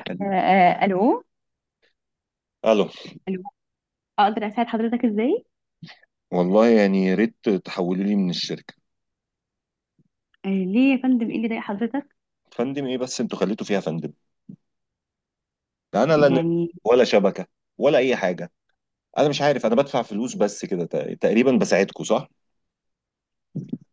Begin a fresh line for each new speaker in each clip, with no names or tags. قال-
الو.
الو،
الو. اقدر اساعد حضرتك ازاي؟
والله يعني يا ريت تحولوا لي من الشركه.
ليه يا فندم، ايه اللي ضايق حضرتك؟
فندم ايه؟ بس انتوا خليتوا فيها فندم. ده انا لا نت،
يعني
ولا شبكه، ولا اي حاجه. انا مش عارف، انا بدفع فلوس بس كده تقريبا بساعدكم، صح؟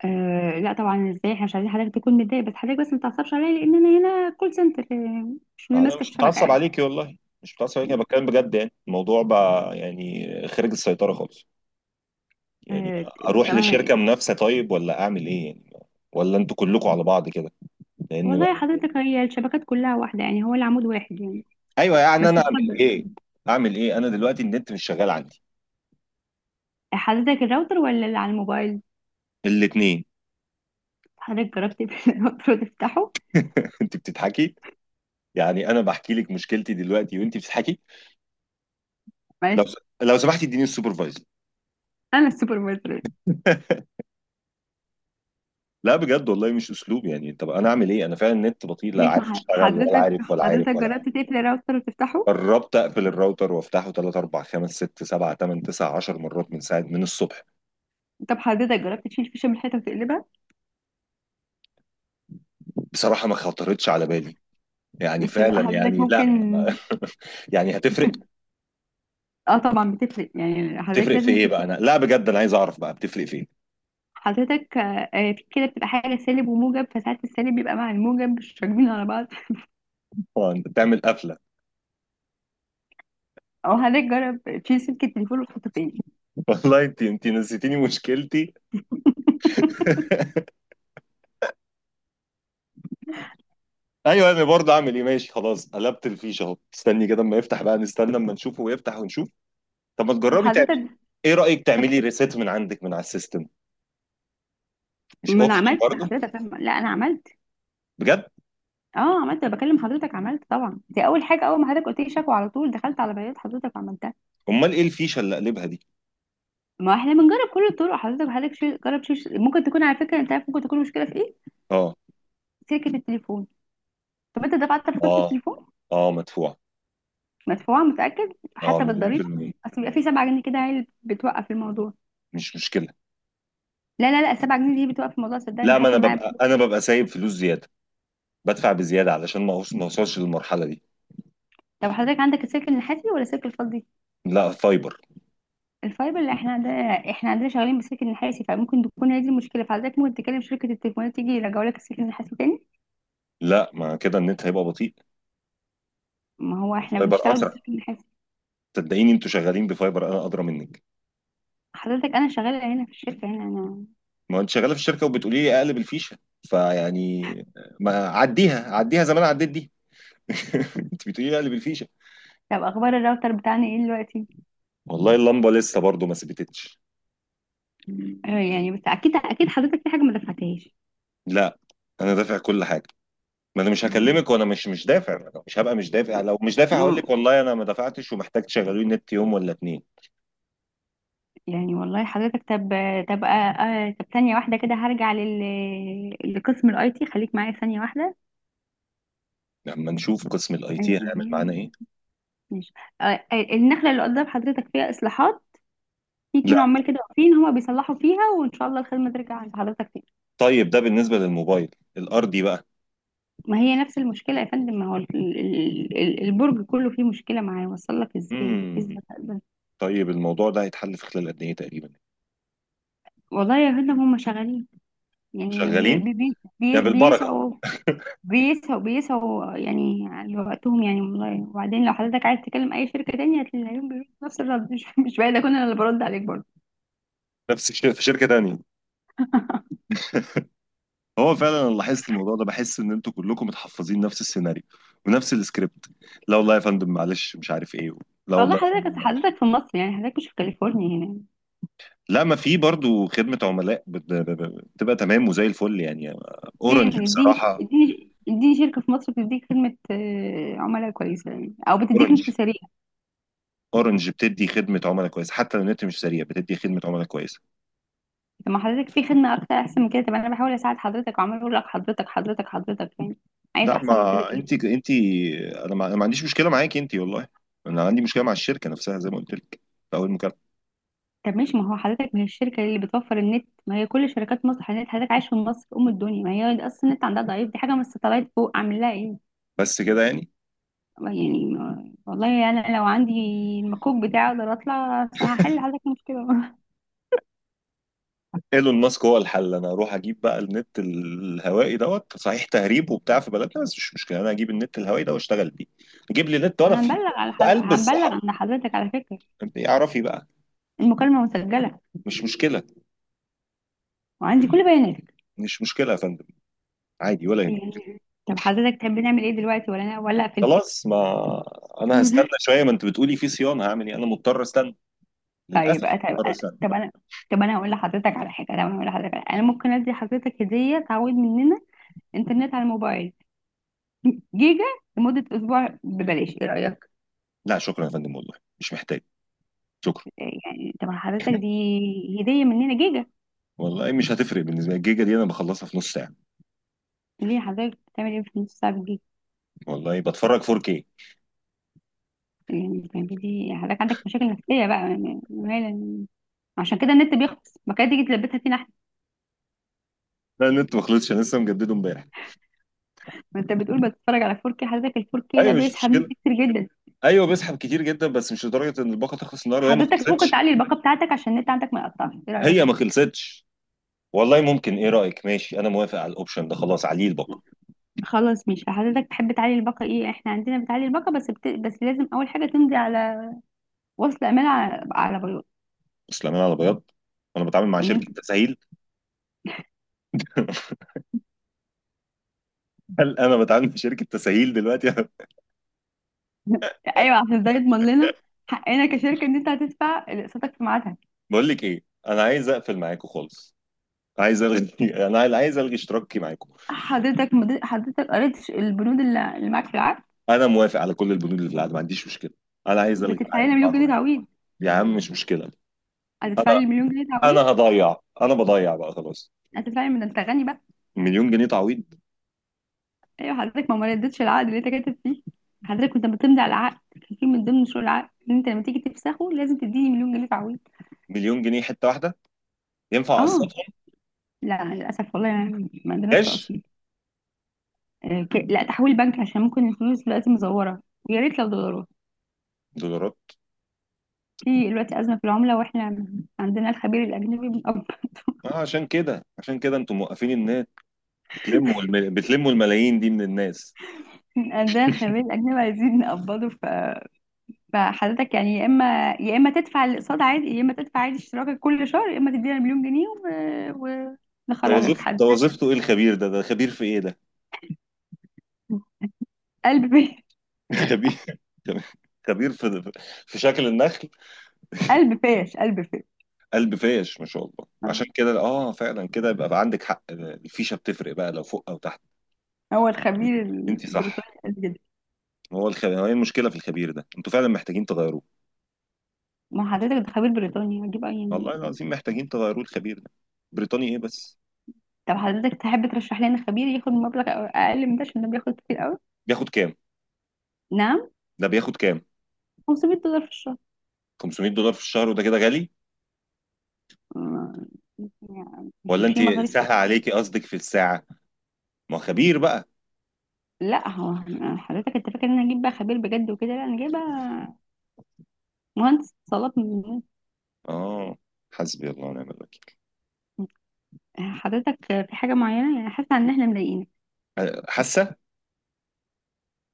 آه لا طبعا، ازاي؟ احنا مش عايزين حضرتك تكون متضايق، بس حضرتك ما تعصبش عليا لان انا هنا كول سنتر، مش من
انا
ماسكه
مش
الشبكه
متعصب
يعني.
عليكي والله، مش متعصب عليكي، انا بتكلم بجد، يعني الموضوع بقى يعني خارج السيطره خالص، يعني
آه بس
اروح
طبعا
لشركه
طب.
منافسه طيب؟ ولا اعمل ايه يعني؟ ولا انتوا كلكم على بعض كده؟ لان
والله
بقى
يا
يعني.
حضرتك، هي الشبكات كلها واحده يعني، هو العمود واحد يعني.
ايوه، يعني
بس
انا اعمل
اتفضل.
ايه؟ اعمل ايه انا دلوقتي؟ النت مش شغال عندي.
حضرتك الراوتر ولا اللي على الموبايل؟
الاثنين.
حضرتك جربت تقفل الراوتر وتفتحه؟
انت بتضحكي؟ يعني انا بحكي لك مشكلتي دلوقتي وانت بتضحكي. لو
معلش.
لو سمحتي، اديني السوبرفايزر.
انا السوبرفايزر.
لا بجد والله، مش اسلوب، يعني طب انا اعمل ايه؟ انا فعلا النت بطيء، لا
ماشي. ما
عارف
ح-
اشتغل، ولا
حضرتك
عارف، ولا عارف، ولا عارف.
جربت تقفل الراوتر وتفتحه؟
قربت اقفل الراوتر وافتحه 3 4 5 6 7 8 9 10 مرات، من ساعه من الصبح.
طب حضرتك جربت تشيل فيشة من الحيطة وتقلبها؟
بصراحه ما خطرتش على بالي. يعني
بس لا لا،
فعلا،
حضرتك
يعني
ممكن.
لا. يعني هتفرق؟
لا اه طبعا بتفرق يعني، حضرتك
تفرق في
لازم
ايه
تشيل.
بقى؟ انا لا بجد، انا عايز اعرف بقى بتفرق فين.
حضرتك في كده بتبقى حاجة سالب وموجب، فساعات السالب بيبقى مع الموجب مش راكبين على بعض.
انت بتعمل قفله.
او حضرتك جرب تشيل سلك التليفون وتحطه تاني.
والله انت نسيتيني مشكلتي. ايوه انا برضه اعمل ايه؟ ماشي خلاص، قلبت الفيشه اهو، استني كده اما يفتح بقى، نستنى اما نشوفه ويفتح ونشوف. طب ما
طب
تجربي تعملي،
حضرتك
ايه رايك
طب.
تعملي ريسيت من عندك من على السيستم؟ مش
ما انا
اوبشن
عملت
برضه؟
لحضرتك، فاهمة؟ لا، انا عملت.
بجد.
اه عملت، انا بكلم حضرتك، عملت طبعا، دي اول حاجة، اول ما حضرتك قلت لي شكوى على طول دخلت على بيانات حضرتك وعملتها.
امال ايه الفيشه اللي قلبها دي؟
ما احنا بنجرب كل الطرق حضرتك. جرب شيل، ممكن تكون على فكرة، انت عارف ممكن تكون المشكلة في ايه؟
اه.
سلكة التليفون. طب انت دفعت فاتورة
اه.
التليفون؟
اه، مدفوع.
مدفوعة؟ متأكد
اه،
حتى
مليون في
بالضريبة؟
المية.
اصل بيبقى في 7 جنيه كده هي اللي بتوقف الموضوع.
مش مشكلة.
لا لا لا، 7 جنيه دي بتوقف الموضوع صدقني،
لا، ما انا
حصل معايا.
ببقى
بس
انا ببقى سايب فلوس زيادة، بدفع بزيادة علشان ما اوصلش للمرحلة دي.
طب حضرتك عندك السلك النحاسي ولا السلك الفضي؟
لا، فايبر.
الفايبر اللي احنا عندنا. احنا عندنا شغالين بالسلك النحاسي، فممكن تكون هي دي المشكلة، فحضرتك ممكن تكلم شركة التليفونات تيجي يرجعوا لك السلك النحاسي تاني.
لا، ما كده النت هيبقى بطيء.
ما هو احنا
فايبر
بنشتغل
اسرع.
بالسلك النحاسي.
صدقيني، انتوا شغالين بفايبر، انا ادرى منك.
حضرتك انا شغالة هنا في الشركة هنا انا.
ما انت شغاله في الشركه وبتقولي لي اقلب الفيشه، فيعني ما عديها، عديها زمان، عديت دي. انت بتقولي لي اقلب الفيشه.
طب اخبار الراوتر بتاعنا ايه دلوقتي؟
والله اللمبه لسه برضو ما ثبتتش.
يعني بس اكيد حضرتك في حاجة ما دفعتهاش.
لا، انا دافع كل حاجه، ما انا مش هكلمك وانا مش دافع. أنا مش هبقى مش دافع، لو مش دافع هقول لك والله انا ما دفعتش، ومحتاج تشغلوني النت يوم ولا اتنين.
يعني والله حضرتك طب. طب طب ثانية واحدة كده، هرجع لقسم الاي تي، خليك معايا ثانية واحدة.
لما نشوف قسم الاي تي
آه، آه،
هيعمل معانا ايه.
ماشي. آه، النخلة اللي قدام حضرتك فيها اصلاحات، في
لا.
اتنين عمال كده واقفين هما بيصلحوا فيها، وان شاء الله الخدمة ترجع عند حضرتك تاني.
طيب ده بالنسبه للموبايل، الارضي بقى.
ما هي نفس المشكلة يا فندم، ما هو البرج كله فيه مشكلة، معاه وصل لك ازاي،
امم
ازاي ده؟
طيب الموضوع ده هيتحل في خلال قد ايه تقريبا؟
والله يا فندم هما شغالين يعني،
شغالين يا بالبركه.
بيسعوا، بيسهوا بيسهوا يعني على وقتهم يعني والله. وبعدين لو حضرتك عايز تكلم اي شركه تانية هتلاقيهم بيردوا نفس الرد. مش بعيد اكون انا اللي برد عليك برضه.
نفس الشيء في شركه تانيه. هو فعلا انا لاحظت الموضوع ده، بحس ان انتوا كلكم متحفظين نفس السيناريو ونفس السكريبت. لا والله يا فندم، معلش، مش عارف ايه. لا
والله
والله يا
حضرتك
فندم،
أصل
معلش.
حضرتك في مصر يعني، حضرتك مش في كاليفورنيا هنا.
لا، ما في برضو خدمة عملاء بتبقى تمام وزي الفل يعني.
فين؟
اورنج
اديني
بصراحة.
اديني اديني شركه في مصر بتديك خدمه عملاء كويسه يعني، او بتديك نت
اورنج.
سريع.
اورنج بتدي خدمة عملاء كويسة، حتى لو النت مش سريع بتدي خدمة عملاء كويسة.
طب ما حضرتك في خدمه اكتر احسن من كده؟ طب انا بحاول اساعد حضرتك وعمال اقول لك حضرتك يعني، عايز
لا
احسن من كده
ما
ايه؟
انت. انا ما, أنا ما عنديش مشكلة معاكي انت والله. انا عندي مشكلة مع الشركة نفسها، زي ما قلت لك في اول مكالمة.
طب ماشي. ما هو حضرتك، ما هي الشركة اللي بتوفر النت، ما هي كل شركات مصر. حضرتك عايش في مصر أم الدنيا، ما هي أصلا النت عندها ضعيف، دي حاجة من الستلايت فوق عامل لها إيه
بس كده يعني.
يعني؟ والله أنا لو عندي المكوك بتاعي أقدر أطلع هحل حضرتك المشكلة.
ايلون ماسك هو الحل، انا اروح اجيب بقى النت الهوائي دوت، صحيح تهريب وبتاع في بلدنا بس مش مشكله، انا اجيب النت الهوائي ده واشتغل بيه. اجيب لي نت وانا في،
هنبلغ على
في
حضرتك،
قلب
هنبلغ
الصحراء.
عند حضرتك على فكرة،
انت اعرفي بقى.
المكالمة مسجلة
مش مشكله.
وعندي كل بياناتك.
مش مشكله يا فندم، عادي، ولا يهمك.
يعني طب حضرتك تحب نعمل إيه دلوقتي؟ ولا أنا ولا أقفل؟
خلاص، ما انا هستنى شويه، ما انت بتقولي في صيانه، هعمل ايه؟ انا مضطر استنى،
طيب
للاسف
أ- طيب
مضطر
أنا
استنى.
طب أنا طب أنا هقول لحضرتك على حاجة. طب أنا هقول لحضرتك على- أنا ممكن أدي حضرتك هدية تعويض مننا، انترنت على الموبايل جيجا لمدة أسبوع ببلاش، إيه رأيك؟
لا شكرا يا فندم والله، مش محتاج، شكرا.
يعني طب حضرتك دي هدية مننا، جيجا.
والله مش هتفرق بالنسبه لي الجيجا دي، انا بخلصها في نص ساعه.
ليه؟ حضرتك بتعمل إيه في نص ساعة بالجيجا؟
والله بتفرج 4K.
يعني بتعملي، حضرتك عندك مشاكل نفسية بقى يعني مالا، عشان كده النت بيخلص، ما كانت تيجي تلبسها فينا احنا.
لا، النت ما خلصش، انا لسه مجدده امبارح.
ما انت بتقول بتتفرج على 4K، حضرتك ال 4K ده
ايوه مش
بيسحب نت
مشكله.
كتير جدا.
ايوه بيسحب كتير جدا، بس مش لدرجه ان الباقه تخلص النهارده، هي ما
حضرتك ممكن
خلصتش.
تعلي الباقة بتاعتك عشان النت عندك ما يقطعش، ايه رأيك؟
هي ما خلصتش. والله ممكن، ايه رايك؟ ماشي، انا موافق على الاوبشن ده، خلاص عليه الباقه.
خلاص، مش حضرتك تحب تعلي الباقة؟ ايه احنا عندنا بتعلي الباقة، بس بس لازم اول حاجة تمضي على وصل امانة، على، على
بس لما انا على بياض، وانا بتعامل مع
بياض.
شركه تسهيل؟ هل انا بتعامل مع شركه تسهيل دلوقتي؟
ايوه عشان ده يضمن لنا حقنا كشركه ان انت هتدفع اقساطك في ميعادها.
بقول لك ايه، انا عايز اقفل معاكم خالص، عايز الغي. انا عايز الغي اشتراكي معاكم.
حضرتك حضرتك قريت البنود اللي معاك في العقد؟
انا موافق على كل البنود اللي في العقد، ما عنديش مشكله. انا عايز الغي
بتدفع
العقد
لنا مليون جنيه
معاكم.
تعويض.
يا عم مش مشكله. انا،
هتدفع لي مليون جنيه
انا
تعويض،
هضيع، انا بضيع بقى خلاص.
هتدفع لي من ده، انت غني بقى.
مليون جنيه تعويض؟
ايوه حضرتك، ما ردتش العقد اللي انت كاتب فيه، حضرتك كنت بتمضي على العقد، كان في من ضمن شروط العقد ان انت لما تيجي تفسخه لازم تديني مليون جنيه تعويض.
مليون جنيه حته واحده، ينفع اقسط؟
اه. لا للاسف والله يعني ما عندناش
كاش.
تقسيط. لا تحويل بنك، عشان ممكن الفلوس دلوقتي مزوره، ويا ريت لو دولارات.
دولارات.
في دلوقتي أزمة في العملة، واحنا عندنا الخبير الأجنبي بنقب.
آه، عشان كده انتم موقفين الناس، بتلموا الملايين دي من الناس.
عندنا الخبير الأجنبي عايزين نقبضه، فحضرتك يعني، يا إما تدفع الأقساط عادي، يا إما تدفع عادي اشتراكك كل شهر، يا إما تدينا مليون جنيه و... ونخرجك. حد
ده وظيفته ايه الخبير ده خبير في ايه ده؟
قلب فيه.
خبير، خبير في شكل النخل.
قلب فاش قلب فاش.
قلب فاش ما شاء الله،
آه.
عشان كده اه فعلا كده، يبقى بقى عندك حق، الفيشه بتفرق بقى لو فوق او تحت.
هو الخبير
انت صح.
البريطاني قال كده.
هو ايه المشكله في الخبير ده؟ انتوا فعلا محتاجين تغيروه.
ما حضرتك ده خبير بريطاني، هجيب أي يعني.
والله العظيم محتاجين تغيروه الخبير ده. بريطاني ايه بس؟
طب حضرتك تحب ترشح لنا خبير ياخد مبلغ أقل من ده عشان ده بياخد كتير قوي؟
بياخد كام؟
نعم؟
ده بياخد كام؟
500 دولار في الشهر.
$500 في الشهر وده كده غالي؟
ما- مش
ولا انت
في مصاريف تانية
سهل
حضرتك.
عليكي؟ قصدك في الساعة؟ ما هو خبير بقى.
لا هو، حضرتك انت فاكر ان انا اجيب بقى خبير بجد وكده؟ لا انا جايبه مهندس اتصالات
اه. حسبي الله ونعم الوكيل.
حضرتك في حاجه معينه، يعني حاسه ان احنا مضايقينك؟
حاسة.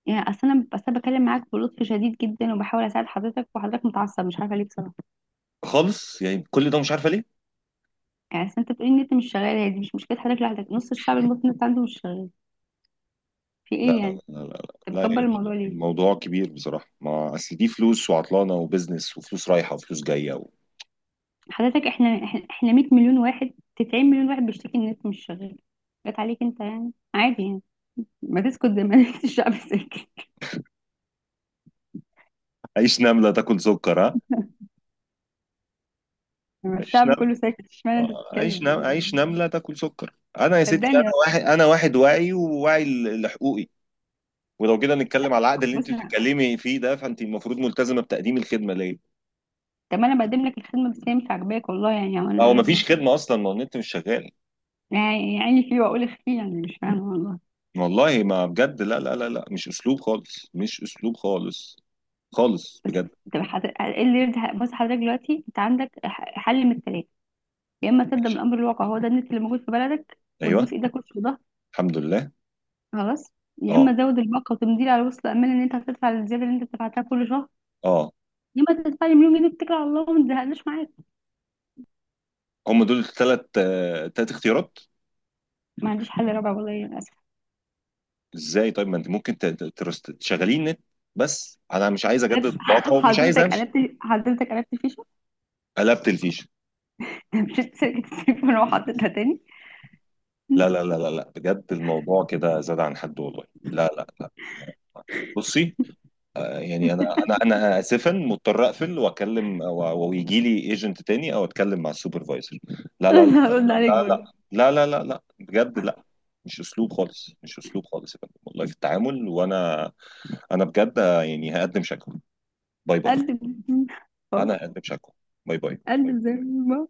يعني اصل انا أنا بكلم معاك بلطف شديد جدا وبحاول اساعد حضرتك وحضرتك متعصب، مش عارفه ليه بصراحه
خالص يعني، كل ده مش عارفة ليه.
يعني. أصل انت بتقولي ان انت مش شغال، هي دي مش مشكله، حضرتك لوحدك، نص الشعب المصري انت عنده مش شغال. في
لا
ايه
لا
يعني،
لا.
انت
لا, لا.
مكبر الموضوع ليه؟
الموضوع كبير بصراحة، ما اصل دي فلوس، وعطلانة، وبزنس، وفلوس رايحة، وفلوس جاية و...
حضرتك احنا احنا إحنا 100 مليون واحد، 90 مليون واحد بيشتكي ان انت مش شغال، جت عليك انت يعني، عادي يعني. ما تسكت زي ما نسيت الشعب ساكت.
عيش نملة تاكل سكر، ها.
لما
عيش
الشعب
نملة.
كله ساكت، اشمعنى انت
آه،
بتتكلم
عيش
يعني؟
نملة تاكل سكر. انا يا ستي، انا
صدقني.
واحد، انا واحد واعي، وواعي لحقوقي. ولو كده نتكلم على العقد اللي
بص
انت
أنا-
بتتكلمي فيه ده، فانت المفروض ملتزمة بتقديم الخدمة ليا.
طب ما انا بقدم لك الخدمه بس هي مش عاجباك، والله يعني.
هو
وانا
مفيش خدمة أصلا، ما النت مش شغال.
يعني عيني فيه واقول اخفيه يعني، مش فاهمه والله.
والله ما بجد، لا لا لا لا، مش أسلوب خالص، مش أسلوب خالص خالص
بس
بجد.
طب ايه اللي يرضي؟ بص حضرتك دلوقتي انت عندك حل من الثلاثه: يا اما تقدم
ماشي.
الامر الواقع، هو ده النت اللي موجود في بلدك
أيوه.
وتبوس ايدك وش وضهر،
الحمد لله.
خلاص. يا اما
أه.
تزود الباقه وتمضي على وصل امان ان انت هتدفع الزياده اللي انت دفعتها كل شهر.
أه.
يا اما تدفع لي مليون جنيه وتتكل على الله وما تزهقناش معاك.
هم دول الثلاث، ثلاث اختيارات.
ما عنديش حل رابع والله للاسف.
إزاي طيب؟ ما أنت ممكن تشغلين نت، بس أنا مش عايز أجدد
أنا-
الباقة ومش عايز أمشي.
حضرتك قلبت فيشة،
قلبت الفيشة.
مش سلكت التليفون وحطيتها تاني.
لا لا لا لا لا بجد، الموضوع كده زاد عن حد والله. لا لا لا. بصي. يعني انا، انا اسفا، مضطر اقفل واكلم، ويجي لي ايجنت تاني، او اتكلم مع السوبرفايزر. لا لا لا
انا هرد عليك
لا
برضه.
لا لا لا لا لا بجد لا. مش اسلوب خالص، مش اسلوب خالص يا فندم والله في التعامل. وانا بجد، يعني هقدم شكوى. باي باي.
قلب. خلاص.
انا هقدم شكوى. باي باي.
قلب زي ما هو.